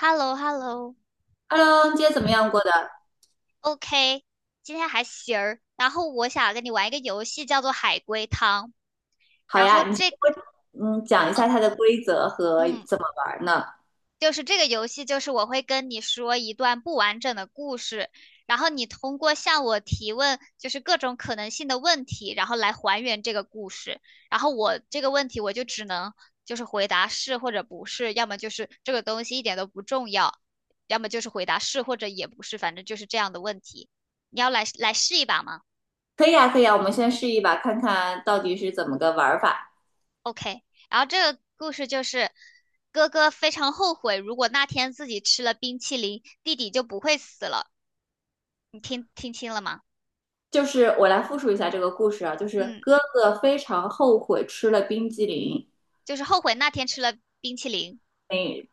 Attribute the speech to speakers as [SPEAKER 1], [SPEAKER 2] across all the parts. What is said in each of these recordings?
[SPEAKER 1] h e l l o h e l l o
[SPEAKER 2] Hello，今天怎么样过的？
[SPEAKER 1] o k 今天还行儿。然后我想跟你玩一个游戏，叫做海龟汤。
[SPEAKER 2] 好
[SPEAKER 1] 然后
[SPEAKER 2] 呀，你先
[SPEAKER 1] 这，
[SPEAKER 2] 给我讲一下它的规则和
[SPEAKER 1] 嗯，
[SPEAKER 2] 怎么玩儿呢？
[SPEAKER 1] 就是这个游戏，就是我会跟你说一段不完整的故事，然后你通过向我提问，就是各种可能性的问题，然后来还原这个故事。然后我这个问题，我就只能就是回答是或者不是，要么就是这个东西一点都不重要，要么就是回答是或者也不是，反正就是这样的问题。你要来试一把吗？
[SPEAKER 2] 可以呀，可以呀，我们先试一把，看看到底是怎么个玩儿法。
[SPEAKER 1] OK，然后这个故事就是哥哥非常后悔，如果那天自己吃了冰淇淋，弟弟就不会死了。你听清了吗？
[SPEAKER 2] 就是我来复述一下这个故事啊，就是
[SPEAKER 1] 嗯，
[SPEAKER 2] 哥哥非常后悔吃了冰激凌，
[SPEAKER 1] 就是后悔那天吃了冰淇淋。
[SPEAKER 2] 嗯，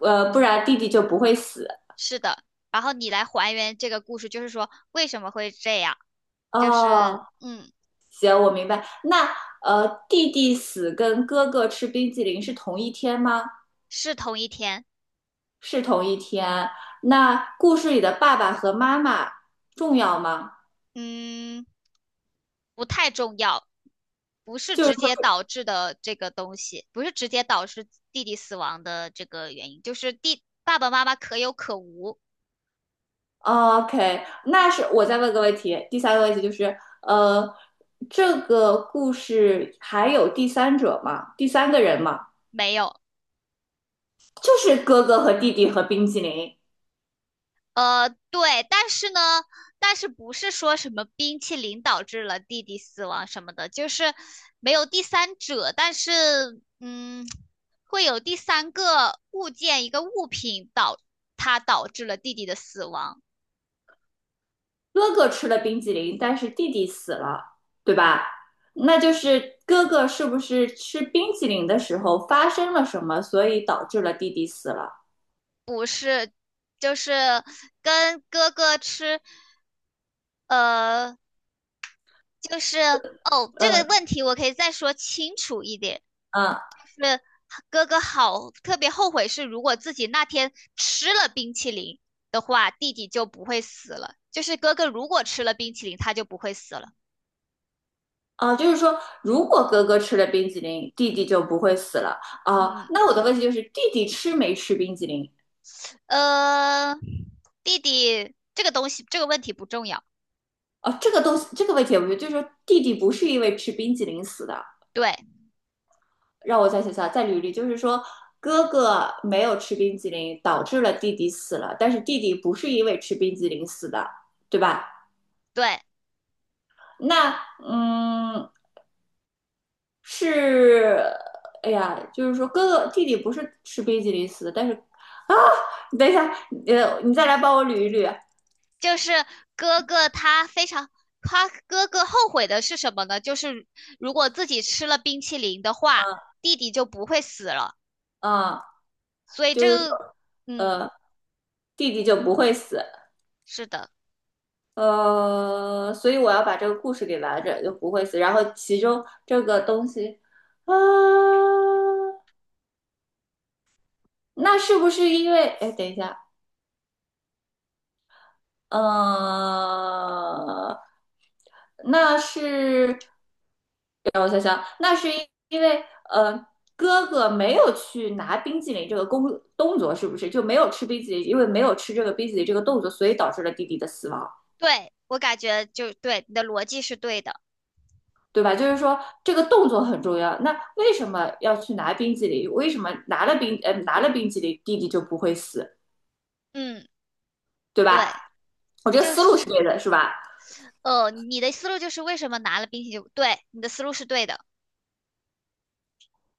[SPEAKER 2] 不然弟弟就不会死。
[SPEAKER 1] 是的，然后你来还原这个故事，就是说为什么会这样？就是
[SPEAKER 2] 哦，
[SPEAKER 1] 嗯，
[SPEAKER 2] 我明白。那弟弟死跟哥哥吃冰激凌是同一天吗？
[SPEAKER 1] 是同一天，
[SPEAKER 2] 是同一天。那故事里的爸爸和妈妈重要吗？
[SPEAKER 1] 嗯，不太重要，不是
[SPEAKER 2] 就是。
[SPEAKER 1] 直接导致的这个东西，不是直接导致弟弟死亡的这个原因，就是弟爸爸妈妈可有可无。
[SPEAKER 2] OK，那是我再问个问题，第三个问题就是，呃，这个故事还有第三者吗？第三个人吗？
[SPEAKER 1] 没有，
[SPEAKER 2] 就是哥哥和弟弟和冰激凌，
[SPEAKER 1] 对，但是呢，但是不是说什么冰淇淋导致了弟弟死亡什么的，就是没有第三者，但是嗯，会有第三个物件一个物品导它导致了弟弟的死亡，
[SPEAKER 2] 哥哥吃了冰激凌，但是弟弟死了，对吧？那就是哥哥是不是吃冰激凌的时候发生了什么，所以导致了弟弟死了？
[SPEAKER 1] 不是，就是跟哥哥吃，呃，就是哦，这个
[SPEAKER 2] 嗯
[SPEAKER 1] 问题我可以再说清楚一点。
[SPEAKER 2] 嗯
[SPEAKER 1] 是哥哥好特别后悔是，如果自己那天吃了冰淇淋的话，弟弟就不会死了。就是哥哥如果吃了冰淇淋，他就不会死了。
[SPEAKER 2] 啊，就是说，如果哥哥吃了冰激凌，弟弟就不会死了啊。
[SPEAKER 1] 嗯，
[SPEAKER 2] 那我的问题就是，弟弟吃没吃冰激凌？
[SPEAKER 1] 呃，弟弟这个东西这个问题不重要。
[SPEAKER 2] 哦，这个东西，这个问题，我觉得就是说弟弟不是因为吃冰激凌死的。
[SPEAKER 1] 对
[SPEAKER 2] 让我再想想，再捋捋，就是说哥哥没有吃冰激凌，导致了弟弟死了，但是弟弟不是因为吃冰激凌死的，对吧？
[SPEAKER 1] 对，
[SPEAKER 2] 那嗯，是，哎呀，就是说哥哥弟弟不是吃冰激凌死的，但是啊，你等一下，你再来帮我捋一捋，
[SPEAKER 1] 就是哥哥他非常。他哥哥后悔的是什么呢？就是如果自己吃了冰淇淋的话，弟弟就不会死了。
[SPEAKER 2] 啊，
[SPEAKER 1] 所以
[SPEAKER 2] 就
[SPEAKER 1] 这
[SPEAKER 2] 是
[SPEAKER 1] 个，
[SPEAKER 2] 说
[SPEAKER 1] 嗯，
[SPEAKER 2] 呃，弟弟就不会死，
[SPEAKER 1] 是的。
[SPEAKER 2] 所以我要把这个故事给完整，就不会死。然后其中这个东西，啊，那是不是因为？哎，等一下，呃，那是让我想想，那是因因为呃，哥哥没有去拿冰淇淋这个工动作，是不是就没有吃冰淇淋？因为没有吃这个冰淇淋这个动作，所以导致了弟弟的死亡。
[SPEAKER 1] 对，我感觉就对，你的逻辑是对的。
[SPEAKER 2] 对吧？就是说这个动作很重要。那为什么要去拿冰激凌？为什么拿了冰拿了冰激凌，弟弟就不会死，
[SPEAKER 1] 嗯，
[SPEAKER 2] 对
[SPEAKER 1] 对，
[SPEAKER 2] 吧？我这个
[SPEAKER 1] 就
[SPEAKER 2] 思路
[SPEAKER 1] 是
[SPEAKER 2] 是对的，是吧？
[SPEAKER 1] 你的思路就是为什么拿了冰淇淋？对，你的思路是对的。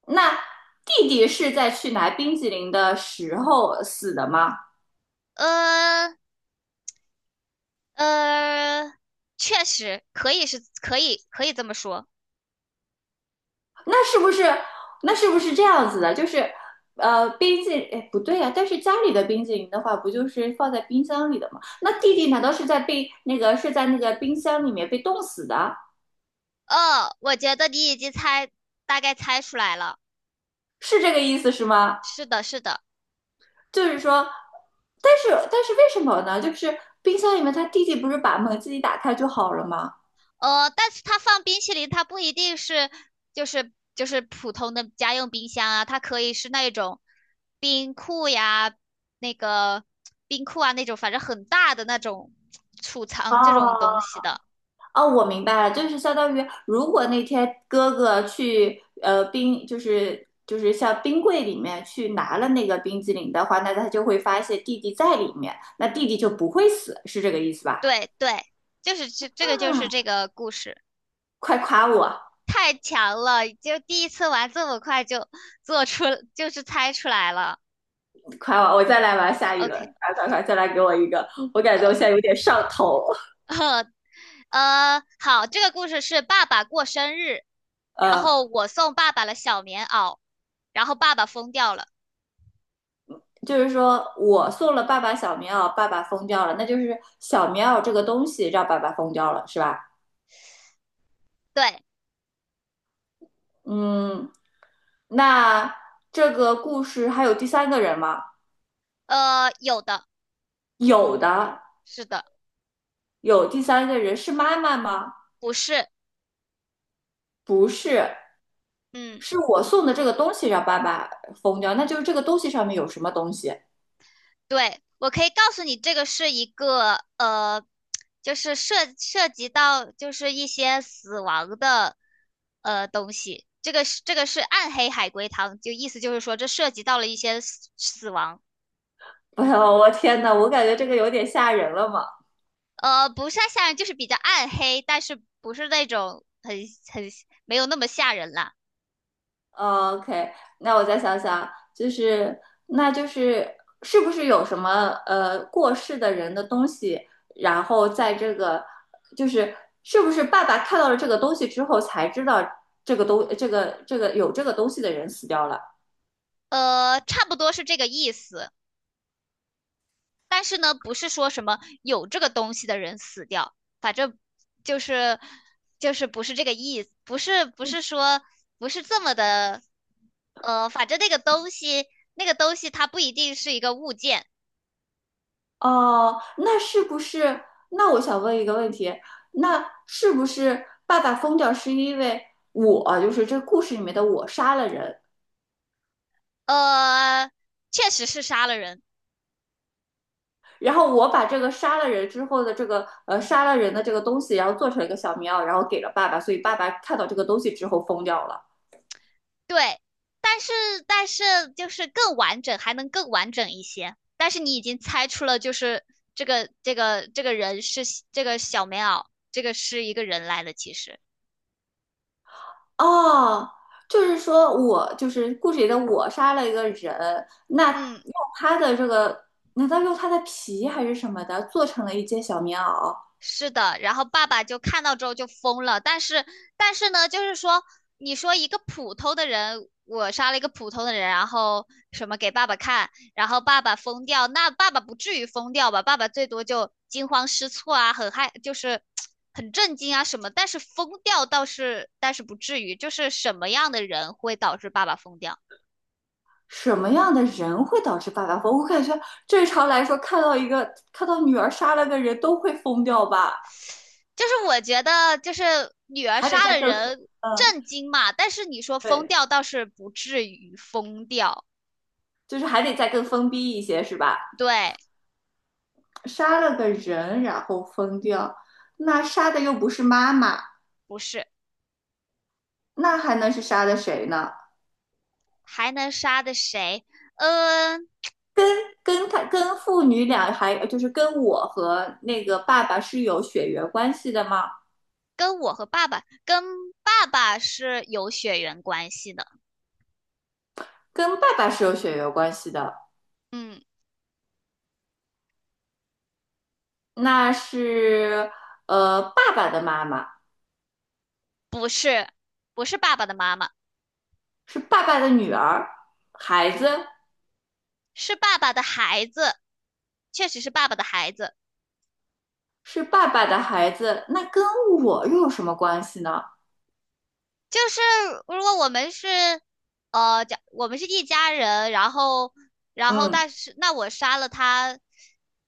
[SPEAKER 2] 那弟弟是在去拿冰激凌的时候死的吗？
[SPEAKER 1] 呃呃，确实可以是可以可以这么说。
[SPEAKER 2] 那是不是那是不是这样子的？就是冰激凌哎不对啊，但是家里的冰激凌的话，不就是放在冰箱里的吗？那弟弟难道是在被那个是在那个冰箱里面被冻死的？
[SPEAKER 1] 哦，我觉得你已经猜大概猜出来了。
[SPEAKER 2] 是这个意思是吗？
[SPEAKER 1] 是的，是的。
[SPEAKER 2] 就是说，但是但是为什么呢？就是冰箱里面他弟弟不是把门自己打开就好了吗？
[SPEAKER 1] 但是它放冰淇淋，它不一定是就是普通的家用冰箱啊，它可以是那种冰库呀，那个冰库啊那种，反正很大的那种储
[SPEAKER 2] 哦，
[SPEAKER 1] 藏这种东西的。
[SPEAKER 2] 哦，我明白了，就是相当于如果那天哥哥去冰，就是就是像冰柜里面去拿了那个冰激凌的话，那他就会发现弟弟在里面，那弟弟就不会死，是这个意思吧？
[SPEAKER 1] 对对，这个
[SPEAKER 2] 啊，
[SPEAKER 1] 就是这个故事，
[SPEAKER 2] 快夸我，
[SPEAKER 1] 太强了，就第一次玩这么快就做出就是猜出来了。
[SPEAKER 2] 夸我，我再来玩下一轮，
[SPEAKER 1] OK，
[SPEAKER 2] 快快快，再来给我一个，我感觉我
[SPEAKER 1] 呃
[SPEAKER 2] 现在有点上头，
[SPEAKER 1] 好，这个故事是爸爸过生日。然
[SPEAKER 2] 呃。
[SPEAKER 1] 后我送爸爸了小棉袄，然后爸爸疯掉了。
[SPEAKER 2] 就是说我送了爸爸小棉袄，爸爸疯掉了，那就是小棉袄这个东西让爸爸疯掉了，是吧？
[SPEAKER 1] 对，
[SPEAKER 2] 嗯，那这个故事还有第三个人吗？
[SPEAKER 1] 呃，有的，
[SPEAKER 2] 有的，
[SPEAKER 1] 是的，
[SPEAKER 2] 有第三个人是妈妈吗？
[SPEAKER 1] 不是，
[SPEAKER 2] 不是，
[SPEAKER 1] 嗯，
[SPEAKER 2] 是我送的这个东西让爸爸疯掉，那就是这个东西上面有什么东西？
[SPEAKER 1] 对，我可以告诉你，这个是一个就是涉及到就是一些死亡的东西。这个是暗黑海龟汤，就意思就是说这涉及到了一些死亡，
[SPEAKER 2] 哎呦，我天呐，我感觉这个有点吓人了嘛。
[SPEAKER 1] 不是太吓人，就是比较暗黑，但是不是那种很没有那么吓人啦。
[SPEAKER 2] 哦 OK，那我再想想，就是那就是是不是有什么过世的人的东西，然后在这个就是是不是爸爸看到了这个东西之后才知道这个东这个这个有这个东西的人死掉了？
[SPEAKER 1] 差不多是这个意思。但是呢，不是说什么有这个东西的人死掉，反正就是就是不是这个意思，不是说不是这么的，反正那个东西它不一定是一个物件，
[SPEAKER 2] 哦，那是不是？那我想问一个问题，那是不是爸爸疯掉是因为我，就是这故事里面的我杀了人，
[SPEAKER 1] 呃，确实是杀了人，
[SPEAKER 2] 然后我把这个杀了人之后的这个杀了人的这个东西，然后做成一个小棉袄，然后给了爸爸，所以爸爸看到这个东西之后疯掉了。
[SPEAKER 1] 对，但是但是就是更完整，还能更完整一些，但是你已经猜出了，就是这个人是这个小棉袄，这个是一个人来的，其实，
[SPEAKER 2] 哦，就是说我就是故事里的我杀了一个人，那
[SPEAKER 1] 嗯。
[SPEAKER 2] 用他的这个，难道用他的皮还是什么的做成了一件小棉袄？
[SPEAKER 1] 是的，然后爸爸就看到之后就疯了，但是呢，就是说，你说一个普通的人，我杀了一个普通的人，然后什么给爸爸看，然后爸爸疯掉，那爸爸不至于疯掉吧？爸爸最多就惊慌失措啊，很害，就是很震惊啊什么，但是疯掉倒是，但是不至于，就是什么样的人会导致爸爸疯掉？
[SPEAKER 2] 什么样的人会导致爸爸疯？我感觉正常来说，看到一个看到女儿杀了个人都会疯掉吧，
[SPEAKER 1] 就是我觉得，就是女儿
[SPEAKER 2] 还得
[SPEAKER 1] 杀
[SPEAKER 2] 再
[SPEAKER 1] 了
[SPEAKER 2] 更疯，
[SPEAKER 1] 人。
[SPEAKER 2] 嗯，
[SPEAKER 1] 震惊嘛，但是你说疯
[SPEAKER 2] 对，
[SPEAKER 1] 掉倒是不至于疯掉，
[SPEAKER 2] 就是还得再更疯逼一些，是吧？
[SPEAKER 1] 对，
[SPEAKER 2] 杀了个人然后疯掉，那杀的又不是妈妈，
[SPEAKER 1] 不是，
[SPEAKER 2] 那还能是杀的谁呢？
[SPEAKER 1] 还能杀的谁？嗯，
[SPEAKER 2] 跟他跟父女俩还就是跟我和那个爸爸是有血缘关系的吗？
[SPEAKER 1] 跟我和爸爸，跟爸爸是有血缘关系的。
[SPEAKER 2] 跟爸爸是有血缘关系的，
[SPEAKER 1] 嗯，
[SPEAKER 2] 那是爸爸的妈妈
[SPEAKER 1] 不是，不是爸爸的妈妈，
[SPEAKER 2] 是爸爸的女儿，孩子
[SPEAKER 1] 是爸爸的孩子，确实是爸爸的孩子。
[SPEAKER 2] 是爸爸的孩子，那跟我又有什么关系呢？
[SPEAKER 1] 就是如果我们是，假我们是一家人，然后，然后
[SPEAKER 2] 嗯，
[SPEAKER 1] 但是那我杀了他，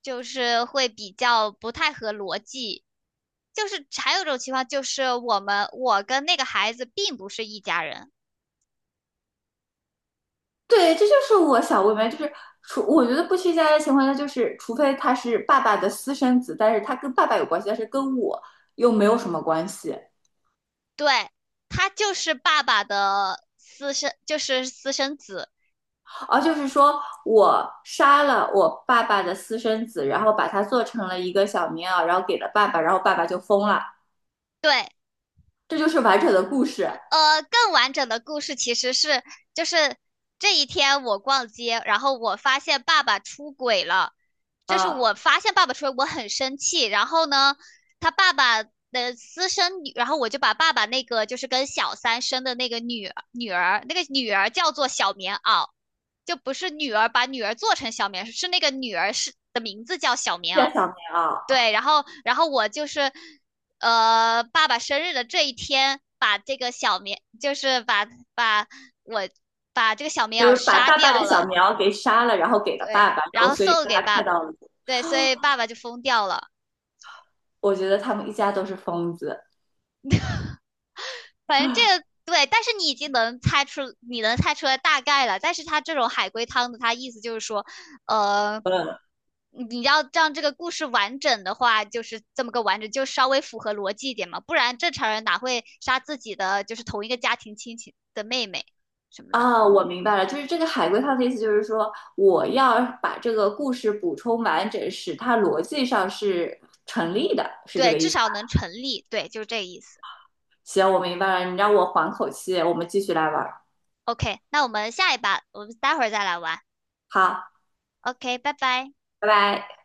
[SPEAKER 1] 就是会比较不太合逻辑。就是还有一种情况，就是我们我跟那个孩子并不是一家人，
[SPEAKER 2] 对，这就是我想问问，就是除我觉得不去家的情况下，就是除非他是爸爸的私生子，但是他跟爸爸有关系，但是跟我又没有什么关系。
[SPEAKER 1] 对，他就是爸爸的私生，就是私生子，
[SPEAKER 2] 而就是说我杀了我爸爸的私生子，然后把他做成了一个小棉袄，然后给了爸爸，然后爸爸就疯了。
[SPEAKER 1] 对，
[SPEAKER 2] 这就是完整的故事。
[SPEAKER 1] 更完整的故事其实是，就是这一天我逛街，然后我发现爸爸出轨了，就是
[SPEAKER 2] 呃，
[SPEAKER 1] 我发现爸爸出轨，我很生气。然后呢，他爸爸的私生女，然后我就把爸爸那个就是跟小三生的那个女儿，那个女儿叫做小棉袄，就不是女儿把女儿做成小棉，是那个女儿是的名字叫小棉
[SPEAKER 2] 叫
[SPEAKER 1] 袄。
[SPEAKER 2] 小棉袄，
[SPEAKER 1] 对，然后我就是，爸爸生日的这一天，把这个小棉，就是把我把这个小棉
[SPEAKER 2] 就
[SPEAKER 1] 袄
[SPEAKER 2] 是把
[SPEAKER 1] 杀
[SPEAKER 2] 爸爸
[SPEAKER 1] 掉
[SPEAKER 2] 的小
[SPEAKER 1] 了，
[SPEAKER 2] 棉袄给杀了，然后给了爸
[SPEAKER 1] 对，
[SPEAKER 2] 爸，然
[SPEAKER 1] 然
[SPEAKER 2] 后
[SPEAKER 1] 后
[SPEAKER 2] 所以
[SPEAKER 1] 送
[SPEAKER 2] 爸
[SPEAKER 1] 给
[SPEAKER 2] 爸
[SPEAKER 1] 爸
[SPEAKER 2] 看
[SPEAKER 1] 爸，
[SPEAKER 2] 到了。
[SPEAKER 1] 对，所以爸爸就疯掉了。
[SPEAKER 2] 我觉得他们一家都是疯子。
[SPEAKER 1] 反正这个对，但是你已经能猜出，你能猜出来大概了。但是它这种海龟汤的，它意思就是说，呃，你要让这个故事完整的话，就是这么个完整，就稍微符合逻辑一点嘛，不然正常人哪会杀自己的就是同一个家庭亲戚的妹妹什么的？
[SPEAKER 2] 啊，我明白了，就是这个海龟汤的意思，就是说我要把这个故事补充完整，使它逻辑上是成立的，是这
[SPEAKER 1] 对，
[SPEAKER 2] 个意
[SPEAKER 1] 至
[SPEAKER 2] 思。
[SPEAKER 1] 少能成立。对，就是这个意思。
[SPEAKER 2] 行，我明白了，你让我缓口气，我们继续来玩儿。
[SPEAKER 1] OK，那我们下一把，我们待会儿再来玩。
[SPEAKER 2] 好，
[SPEAKER 1] OK，拜拜。
[SPEAKER 2] 拜拜。